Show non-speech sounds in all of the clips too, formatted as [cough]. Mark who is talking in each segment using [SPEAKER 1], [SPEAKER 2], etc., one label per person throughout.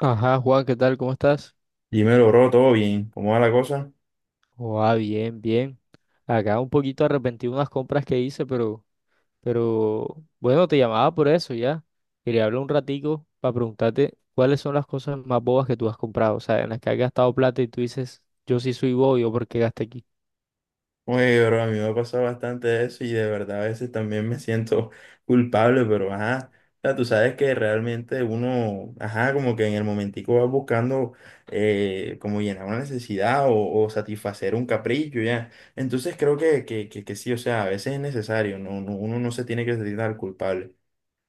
[SPEAKER 1] Ajá, Juan, ¿qué tal? ¿Cómo estás?
[SPEAKER 2] Dímelo, bro, todo bien. ¿Cómo va la cosa?
[SPEAKER 1] Joa, bien, bien. Acá un poquito arrepentido de unas compras que hice, pero bueno, te llamaba por eso ya. Quería hablar un ratico para preguntarte cuáles son las cosas más bobas que tú has comprado, o sea, en las que has gastado plata y tú dices, yo sí soy bobo, yo por qué gasté aquí.
[SPEAKER 2] Oye, bro, a mí me ha pasado bastante eso y de verdad a veces también me siento [laughs] culpable, pero ajá. O sea, tú sabes que realmente uno, ajá, como que en el momentico va buscando como llenar una necesidad o satisfacer un capricho, ya. Entonces creo que sí, o sea, a veces es necesario, no, uno no se tiene que sentir tan culpable.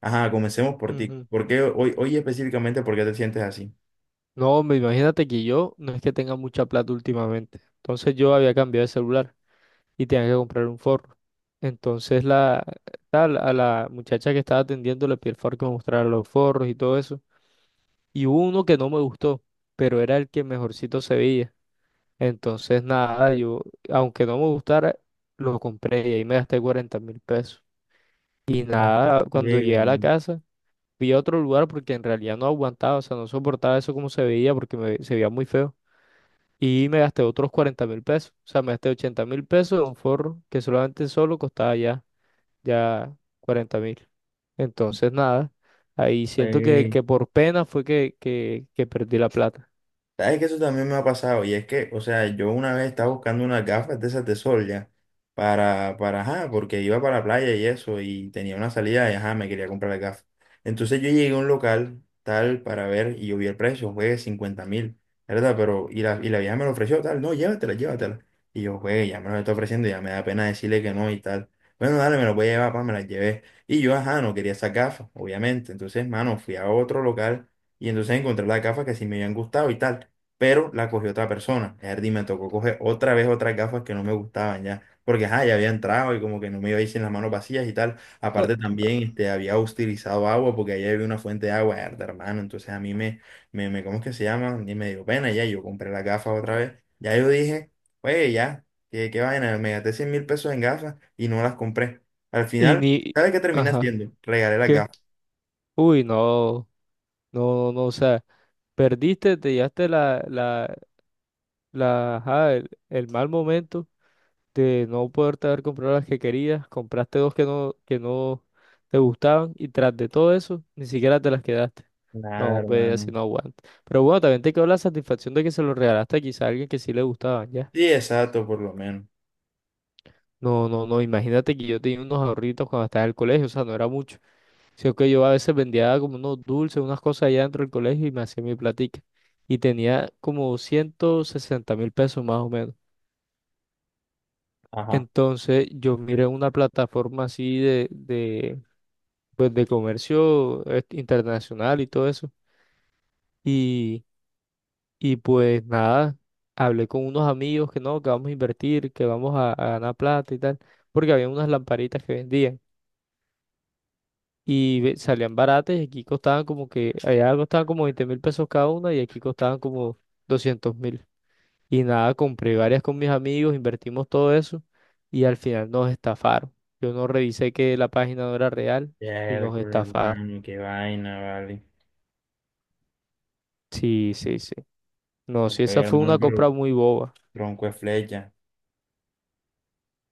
[SPEAKER 2] Ajá, comencemos por ti.
[SPEAKER 1] Ujú.
[SPEAKER 2] ¿Por qué hoy específicamente, por qué te sientes así?
[SPEAKER 1] No, hombre, imagínate que yo no es que tenga mucha plata últimamente. Entonces yo había cambiado de celular y tenía que comprar un forro. Entonces la, a la muchacha que estaba atendiendo le pedí el favor que me mostrara los forros y todo eso. Y hubo uno que no me gustó, pero era el que mejorcito se veía. Entonces nada, yo, aunque no me gustara, lo compré y ahí me gasté 40.000 pesos. Y
[SPEAKER 2] No,
[SPEAKER 1] nada, cuando llegué
[SPEAKER 2] llega.
[SPEAKER 1] a la casa, fui a otro lugar porque en realidad no aguantaba, o sea, no soportaba eso como se veía porque me, se veía muy feo. Y me gasté otros 40.000 pesos, o sea, me gasté 80.000 pesos en un forro que solamente solo costaba ya 40.000. Entonces, nada, ahí siento que por pena fue que perdí la plata.
[SPEAKER 2] Sabes que eso también me ha pasado y es que, o sea, yo una vez estaba buscando unas gafas de esas de sol ya para, ajá, porque iba para la playa y eso y tenía una salida y ajá, me quería comprar las gafas. Entonces yo llegué a un local tal para ver y yo vi el precio, fue 50.000, ¿verdad? Pero, y la vieja me lo ofreció tal, no, llévatela, llévatela. Y yo, güey, ya me lo está ofreciendo, ya me da pena decirle que no y tal. Bueno, dale, me lo voy a llevar, pa, me las llevé. Y yo, ajá, no quería esas gafas, obviamente. Entonces, mano, fui a otro local y entonces encontré las gafas que sí me habían gustado y tal, pero la cogió otra persona. Erdi me tocó coger otra vez otras gafas que no me gustaban ya, porque ajá, ya había entrado y como que no me iba a ir sin las manos vacías y tal.
[SPEAKER 1] Ah.
[SPEAKER 2] Aparte también este, había utilizado agua porque allá había una fuente de agua, erda, hermano, entonces a mí me, ¿cómo es que se llama? Y me dio pena ya, yo compré las gafas otra vez. Ya yo dije, oye, ya, qué vaina, me gasté 100.000 pesos en gafas y no las compré. Al
[SPEAKER 1] Y
[SPEAKER 2] final,
[SPEAKER 1] ni,
[SPEAKER 2] ¿sabes qué terminé
[SPEAKER 1] Ajá,
[SPEAKER 2] haciendo? Regalé las
[SPEAKER 1] ¿qué?
[SPEAKER 2] gafas.
[SPEAKER 1] Uy, no, no, no, o sea, perdiste, te llevaste ajá, el mal momento de no poderte haber comprado las que querías, compraste dos que no te gustaban y tras de todo eso, ni siquiera te las quedaste.
[SPEAKER 2] Nada,
[SPEAKER 1] No, ve, así
[SPEAKER 2] hermano.
[SPEAKER 1] no aguanta. Pero bueno, también te quedó la satisfacción de que se lo regalaste quizá a alguien que sí le gustaban, ya.
[SPEAKER 2] Sí, exacto, por lo menos.
[SPEAKER 1] No, no, no, imagínate que yo tenía unos ahorritos cuando estaba en el colegio, o sea, no era mucho, sino que yo a veces vendía como unos dulces, unas cosas allá dentro del colegio y me hacía mi platica. Y tenía como 160.000 pesos más o menos.
[SPEAKER 2] Ajá.
[SPEAKER 1] Entonces yo miré una plataforma así pues, de comercio internacional y todo eso. Y, y pues nada, hablé con unos amigos que no, que vamos a invertir, que vamos a ganar plata y tal, porque había unas lamparitas que vendían. Y ve- salían baratas y aquí costaban como que, allá costaban como 20.000 pesos cada una y aquí costaban como 200.000. Y nada, compré varias con mis amigos, invertimos todo eso y al final nos estafaron. Yo no revisé que la página no era real y
[SPEAKER 2] Ya, el
[SPEAKER 1] nos estafaron.
[SPEAKER 2] hermano, qué vaina, vale.
[SPEAKER 1] Sí, sí, sí. No, sí,
[SPEAKER 2] Joder,
[SPEAKER 1] esa fue
[SPEAKER 2] hermano,
[SPEAKER 1] una compra
[SPEAKER 2] pero
[SPEAKER 1] muy boba.
[SPEAKER 2] tronco de flecha.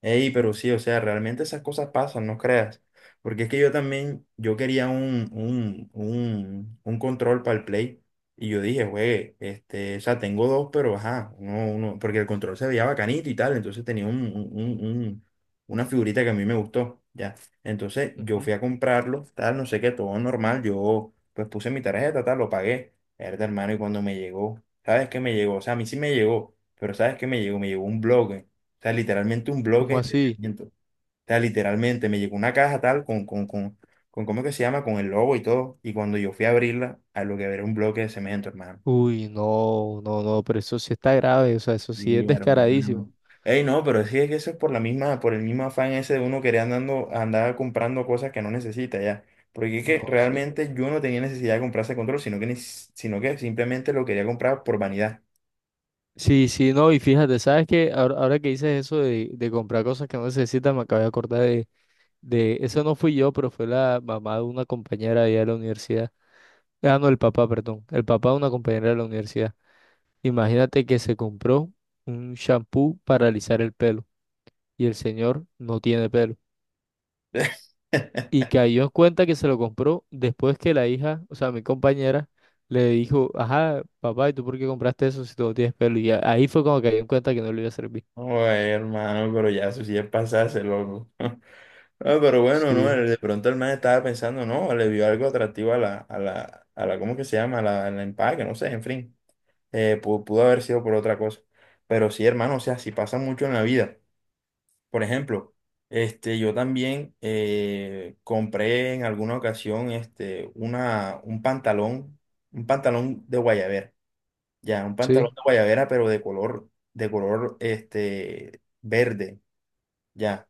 [SPEAKER 2] Ey, pero sí, o sea, realmente esas cosas pasan, no creas. Porque es que yo también, yo quería un control para el Play. Y yo dije, güey, este, o sea, tengo dos, pero ajá, uno, porque el control se veía bacanito y tal. Entonces tenía una figurita que a mí me gustó, ya. Entonces yo
[SPEAKER 1] Ujú.
[SPEAKER 2] fui a comprarlo, tal, no sé qué, todo normal. Yo, pues puse mi tarjeta, tal, lo pagué. Era hermano, y cuando me llegó, ¿sabes qué me llegó? O sea, a mí sí me llegó, pero ¿sabes qué me llegó? Me llegó un blog. O sea, literalmente un
[SPEAKER 1] ¿Cómo
[SPEAKER 2] bloque de
[SPEAKER 1] así?
[SPEAKER 2] cemento. O sea, literalmente me llegó una caja tal con, ¿cómo es que se llama? Con el logo y todo. Y cuando yo fui a abrirla, a lo que era un bloque de cemento, hermano.
[SPEAKER 1] Uy, no, no, no, pero eso sí está grave, o sea, eso sí es
[SPEAKER 2] Y
[SPEAKER 1] descaradísimo.
[SPEAKER 2] hermano. Ey, no, pero sí es que eso es por la misma, por el mismo afán ese de uno querer andando, andar comprando cosas que no necesita ya. Porque es que
[SPEAKER 1] No, sí.
[SPEAKER 2] realmente yo no tenía necesidad de comprar ese control, sino que, sino que simplemente lo quería comprar por vanidad.
[SPEAKER 1] Sí, sí, no, y fíjate, ¿sabes qué? Ahora, ahora que dices eso de comprar cosas que no necesitas, me acabo de acordar eso no fui yo, pero fue la mamá de una compañera allá de la universidad. Ah, no, el papá, perdón, el papá de una compañera de la universidad. Imagínate que se compró un shampoo para alisar el pelo y el señor no tiene pelo.
[SPEAKER 2] [laughs]
[SPEAKER 1] Y cayó en cuenta que se lo compró después que la hija, o sea, mi compañera, le dijo, ajá, papá, ¿y tú por qué compraste eso si tú no tienes pelo? Y a- ahí fue cuando cayó en cuenta que no le iba a servir.
[SPEAKER 2] Oye, hermano, pero ya eso sí es pasarse, loco. [laughs] Ah, pero bueno, no,
[SPEAKER 1] Sí.
[SPEAKER 2] De pronto el man estaba pensando, no, le vio algo atractivo a la, ¿cómo que se llama? A la, al empaque, no sé, en fin, pudo haber sido por otra cosa. Pero sí, hermano, o sea, sí pasa mucho en la vida. Por ejemplo, este, yo también compré en alguna ocasión este, un pantalón de guayabera, ya, un
[SPEAKER 1] Sí.
[SPEAKER 2] pantalón de guayabera, pero de color, este, verde. Ya.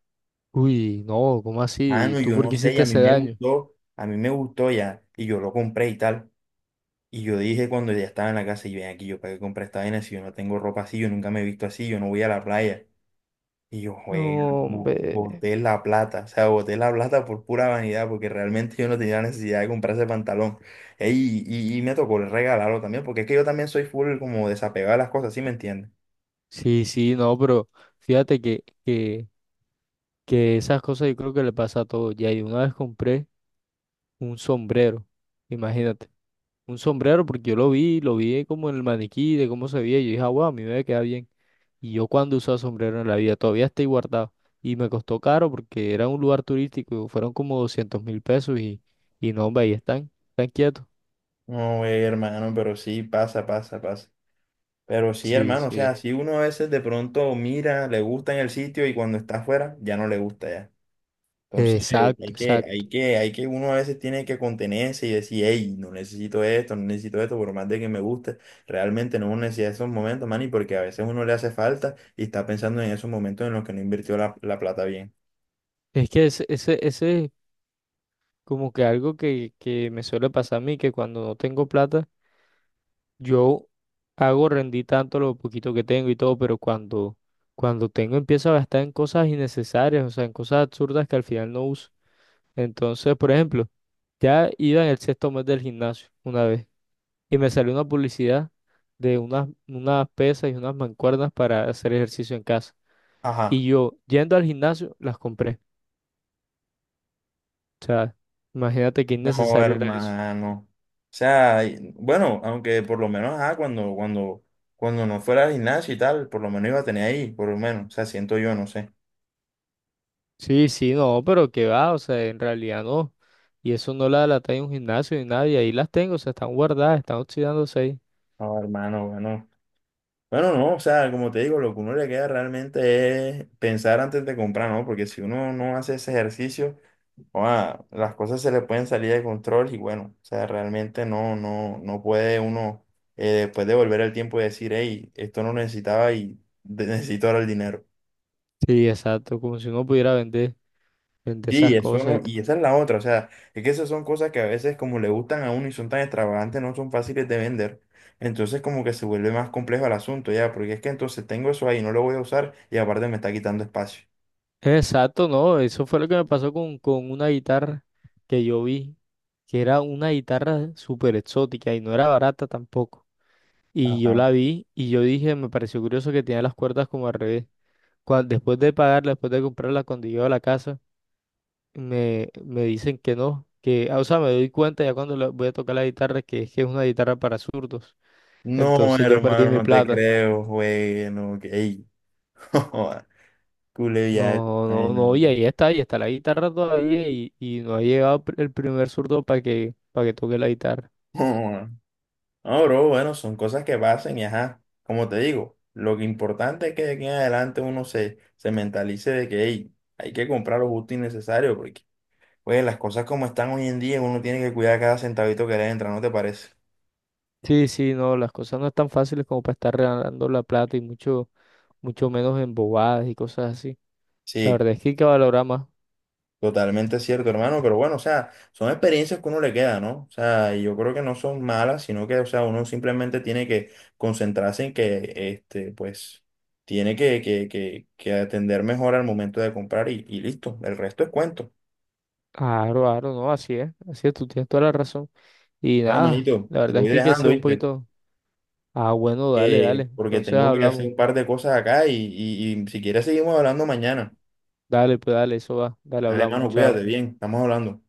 [SPEAKER 1] Uy, no, ¿cómo así? ¿Y
[SPEAKER 2] Mano,
[SPEAKER 1] tú
[SPEAKER 2] yo
[SPEAKER 1] por
[SPEAKER 2] no
[SPEAKER 1] qué
[SPEAKER 2] sé, y
[SPEAKER 1] hiciste
[SPEAKER 2] a mí
[SPEAKER 1] ese
[SPEAKER 2] me
[SPEAKER 1] daño?
[SPEAKER 2] gustó, a mí me gustó ya, y yo lo compré y tal. Y yo dije cuando ya estaba en la casa, y ven aquí, yo para qué compré esta vaina si yo no tengo ropa así, yo nunca me he visto así, yo no voy a la playa. Y yo,
[SPEAKER 1] No,
[SPEAKER 2] juego,
[SPEAKER 1] hombre.
[SPEAKER 2] boté la plata, o sea, boté la plata por pura vanidad, porque realmente yo no tenía necesidad de comprar ese pantalón. Ey, y me tocó regalarlo también, porque es que yo también soy full como desapegado a las cosas, ¿sí me entiendes?
[SPEAKER 1] Sí, sí, no, pero fíjate que esas cosas yo creo que le pasa a todos. Ya, y una vez compré un sombrero, imagínate, un sombrero porque yo lo vi como en el maniquí de cómo se veía, y yo dije, ah, wow, a mí me va a quedar bien. Y yo cuando usaba sombrero en la vida, todavía estoy guardado. Y me costó caro porque era un lugar turístico, fueron como 200.000 pesos y no, hombre, ahí están, están quietos.
[SPEAKER 2] No, güey, hermano, pero sí, pasa, pasa, pasa. Pero sí,
[SPEAKER 1] Sí,
[SPEAKER 2] hermano, o
[SPEAKER 1] sí.
[SPEAKER 2] sea, si uno a veces de pronto mira, le gusta en el sitio y cuando está afuera ya no le gusta ya. Entonces,
[SPEAKER 1] Exacto,
[SPEAKER 2] hay
[SPEAKER 1] exacto.
[SPEAKER 2] uno a veces tiene que contenerse y decir, hey, no necesito esto, no necesito esto, por más de que me guste, realmente no necesita esos momentos, man, y porque a veces uno le hace falta y está pensando en esos momentos en los que no invirtió la plata bien.
[SPEAKER 1] Es que ese es como que algo que me suele pasar a mí, que cuando no tengo plata, yo hago rendir tanto lo poquito que tengo y todo, pero cuando tengo empiezo a gastar en cosas innecesarias, o sea, en cosas absurdas que al final no uso. Entonces, por ejemplo, ya iba en el sexto mes del gimnasio una vez y me salió una publicidad de unas pesas y unas mancuernas para hacer ejercicio en casa.
[SPEAKER 2] Ajá.
[SPEAKER 1] Y yo, yendo al gimnasio, las compré. O sea, imagínate qué
[SPEAKER 2] No,
[SPEAKER 1] innecesario era eso.
[SPEAKER 2] hermano. O sea, bueno, aunque por lo menos, ah, cuando no fuera al gimnasio y tal, por lo menos iba a tener ahí, por lo menos. O sea, siento yo, no sé.
[SPEAKER 1] Sí, sí, no, pero que va, o sea, en realidad no. Y eso no la la en un gimnasio ni nada, y ahí las tengo, o sea, están guardadas, están oxidándose ahí.
[SPEAKER 2] No, hermano, bueno. Bueno, no, o sea, como te digo, lo que uno le queda realmente es pensar antes de comprar, ¿no? Porque si uno no hace ese ejercicio, ah, las cosas se le pueden salir de control y bueno, o sea, realmente no puede uno después de volver al tiempo y decir, hey, esto no lo necesitaba necesito ahora el dinero.
[SPEAKER 1] Sí, exacto, como si uno pudiera vender, vender
[SPEAKER 2] Sí,
[SPEAKER 1] esas
[SPEAKER 2] eso
[SPEAKER 1] cosas
[SPEAKER 2] no,
[SPEAKER 1] y
[SPEAKER 2] y
[SPEAKER 1] todo.
[SPEAKER 2] esa es la otra, o sea, es que esas son cosas que a veces como le gustan a uno y son tan extravagantes, no son fáciles de vender. Entonces como que se vuelve más complejo el asunto, ya, porque es que entonces tengo eso ahí, no lo voy a usar y aparte me está quitando espacio.
[SPEAKER 1] Exacto, no, eso fue lo que me pasó con una guitarra que yo vi, que era una guitarra súper exótica y no era barata tampoco. Y yo
[SPEAKER 2] Ajá.
[SPEAKER 1] la vi y yo dije, me pareció curioso que tenía las cuerdas como al revés. Cuan- después de pagarla, después de comprarla, cuando llego a la casa, me dicen que no, que, ah, o sea, me doy cuenta ya cuando la- voy a tocar la guitarra que es una guitarra para zurdos.
[SPEAKER 2] No,
[SPEAKER 1] Entonces yo perdí
[SPEAKER 2] hermano,
[SPEAKER 1] mi
[SPEAKER 2] no te
[SPEAKER 1] plata.
[SPEAKER 2] creo, güey, no, que, ey, [laughs] joda, culé ya,
[SPEAKER 1] No,
[SPEAKER 2] ay, [laughs]
[SPEAKER 1] no, no, y
[SPEAKER 2] no,
[SPEAKER 1] ahí está la guitarra todavía y no ha llegado pr- el primer zurdo para que toque la guitarra.
[SPEAKER 2] joda. No, bro, bueno, son cosas que pasan y ajá, como te digo, lo que importante es que de aquí en adelante uno se, se mentalice de que, ey, hay que comprar lo justo y necesario, porque pues las cosas como están hoy en día, uno tiene que cuidar cada centavito que le entra, ¿no te parece?
[SPEAKER 1] Sí, sí, no, las cosas no están fáciles como para estar regalando la plata y mucho, mucho menos en bobadas y cosas así. La
[SPEAKER 2] Sí,
[SPEAKER 1] verdad es que hay que valorar más.
[SPEAKER 2] totalmente cierto, hermano, pero bueno, o sea, son experiencias que uno le queda, ¿no? O sea, y yo creo que no son malas, sino que, o sea, uno simplemente tiene que concentrarse en que, este, pues, tiene que atender mejor al momento de comprar y listo, el resto es cuento.
[SPEAKER 1] Claro, claro, no, así es, tú tienes toda la razón. Y
[SPEAKER 2] Bueno,
[SPEAKER 1] nada,
[SPEAKER 2] manito,
[SPEAKER 1] la
[SPEAKER 2] te
[SPEAKER 1] verdad es
[SPEAKER 2] voy
[SPEAKER 1] que hay que
[SPEAKER 2] dejando,
[SPEAKER 1] ser un
[SPEAKER 2] ¿viste?
[SPEAKER 1] poquito. Ah, bueno, dale, dale.
[SPEAKER 2] Porque
[SPEAKER 1] Entonces
[SPEAKER 2] tengo que hacer
[SPEAKER 1] hablamos.
[SPEAKER 2] un par de cosas acá y si quieres seguimos hablando mañana.
[SPEAKER 1] Dale, pues dale, eso va. Dale,
[SPEAKER 2] Dale,
[SPEAKER 1] hablamos.
[SPEAKER 2] hermano, cuídate
[SPEAKER 1] Chao.
[SPEAKER 2] bien, estamos hablando.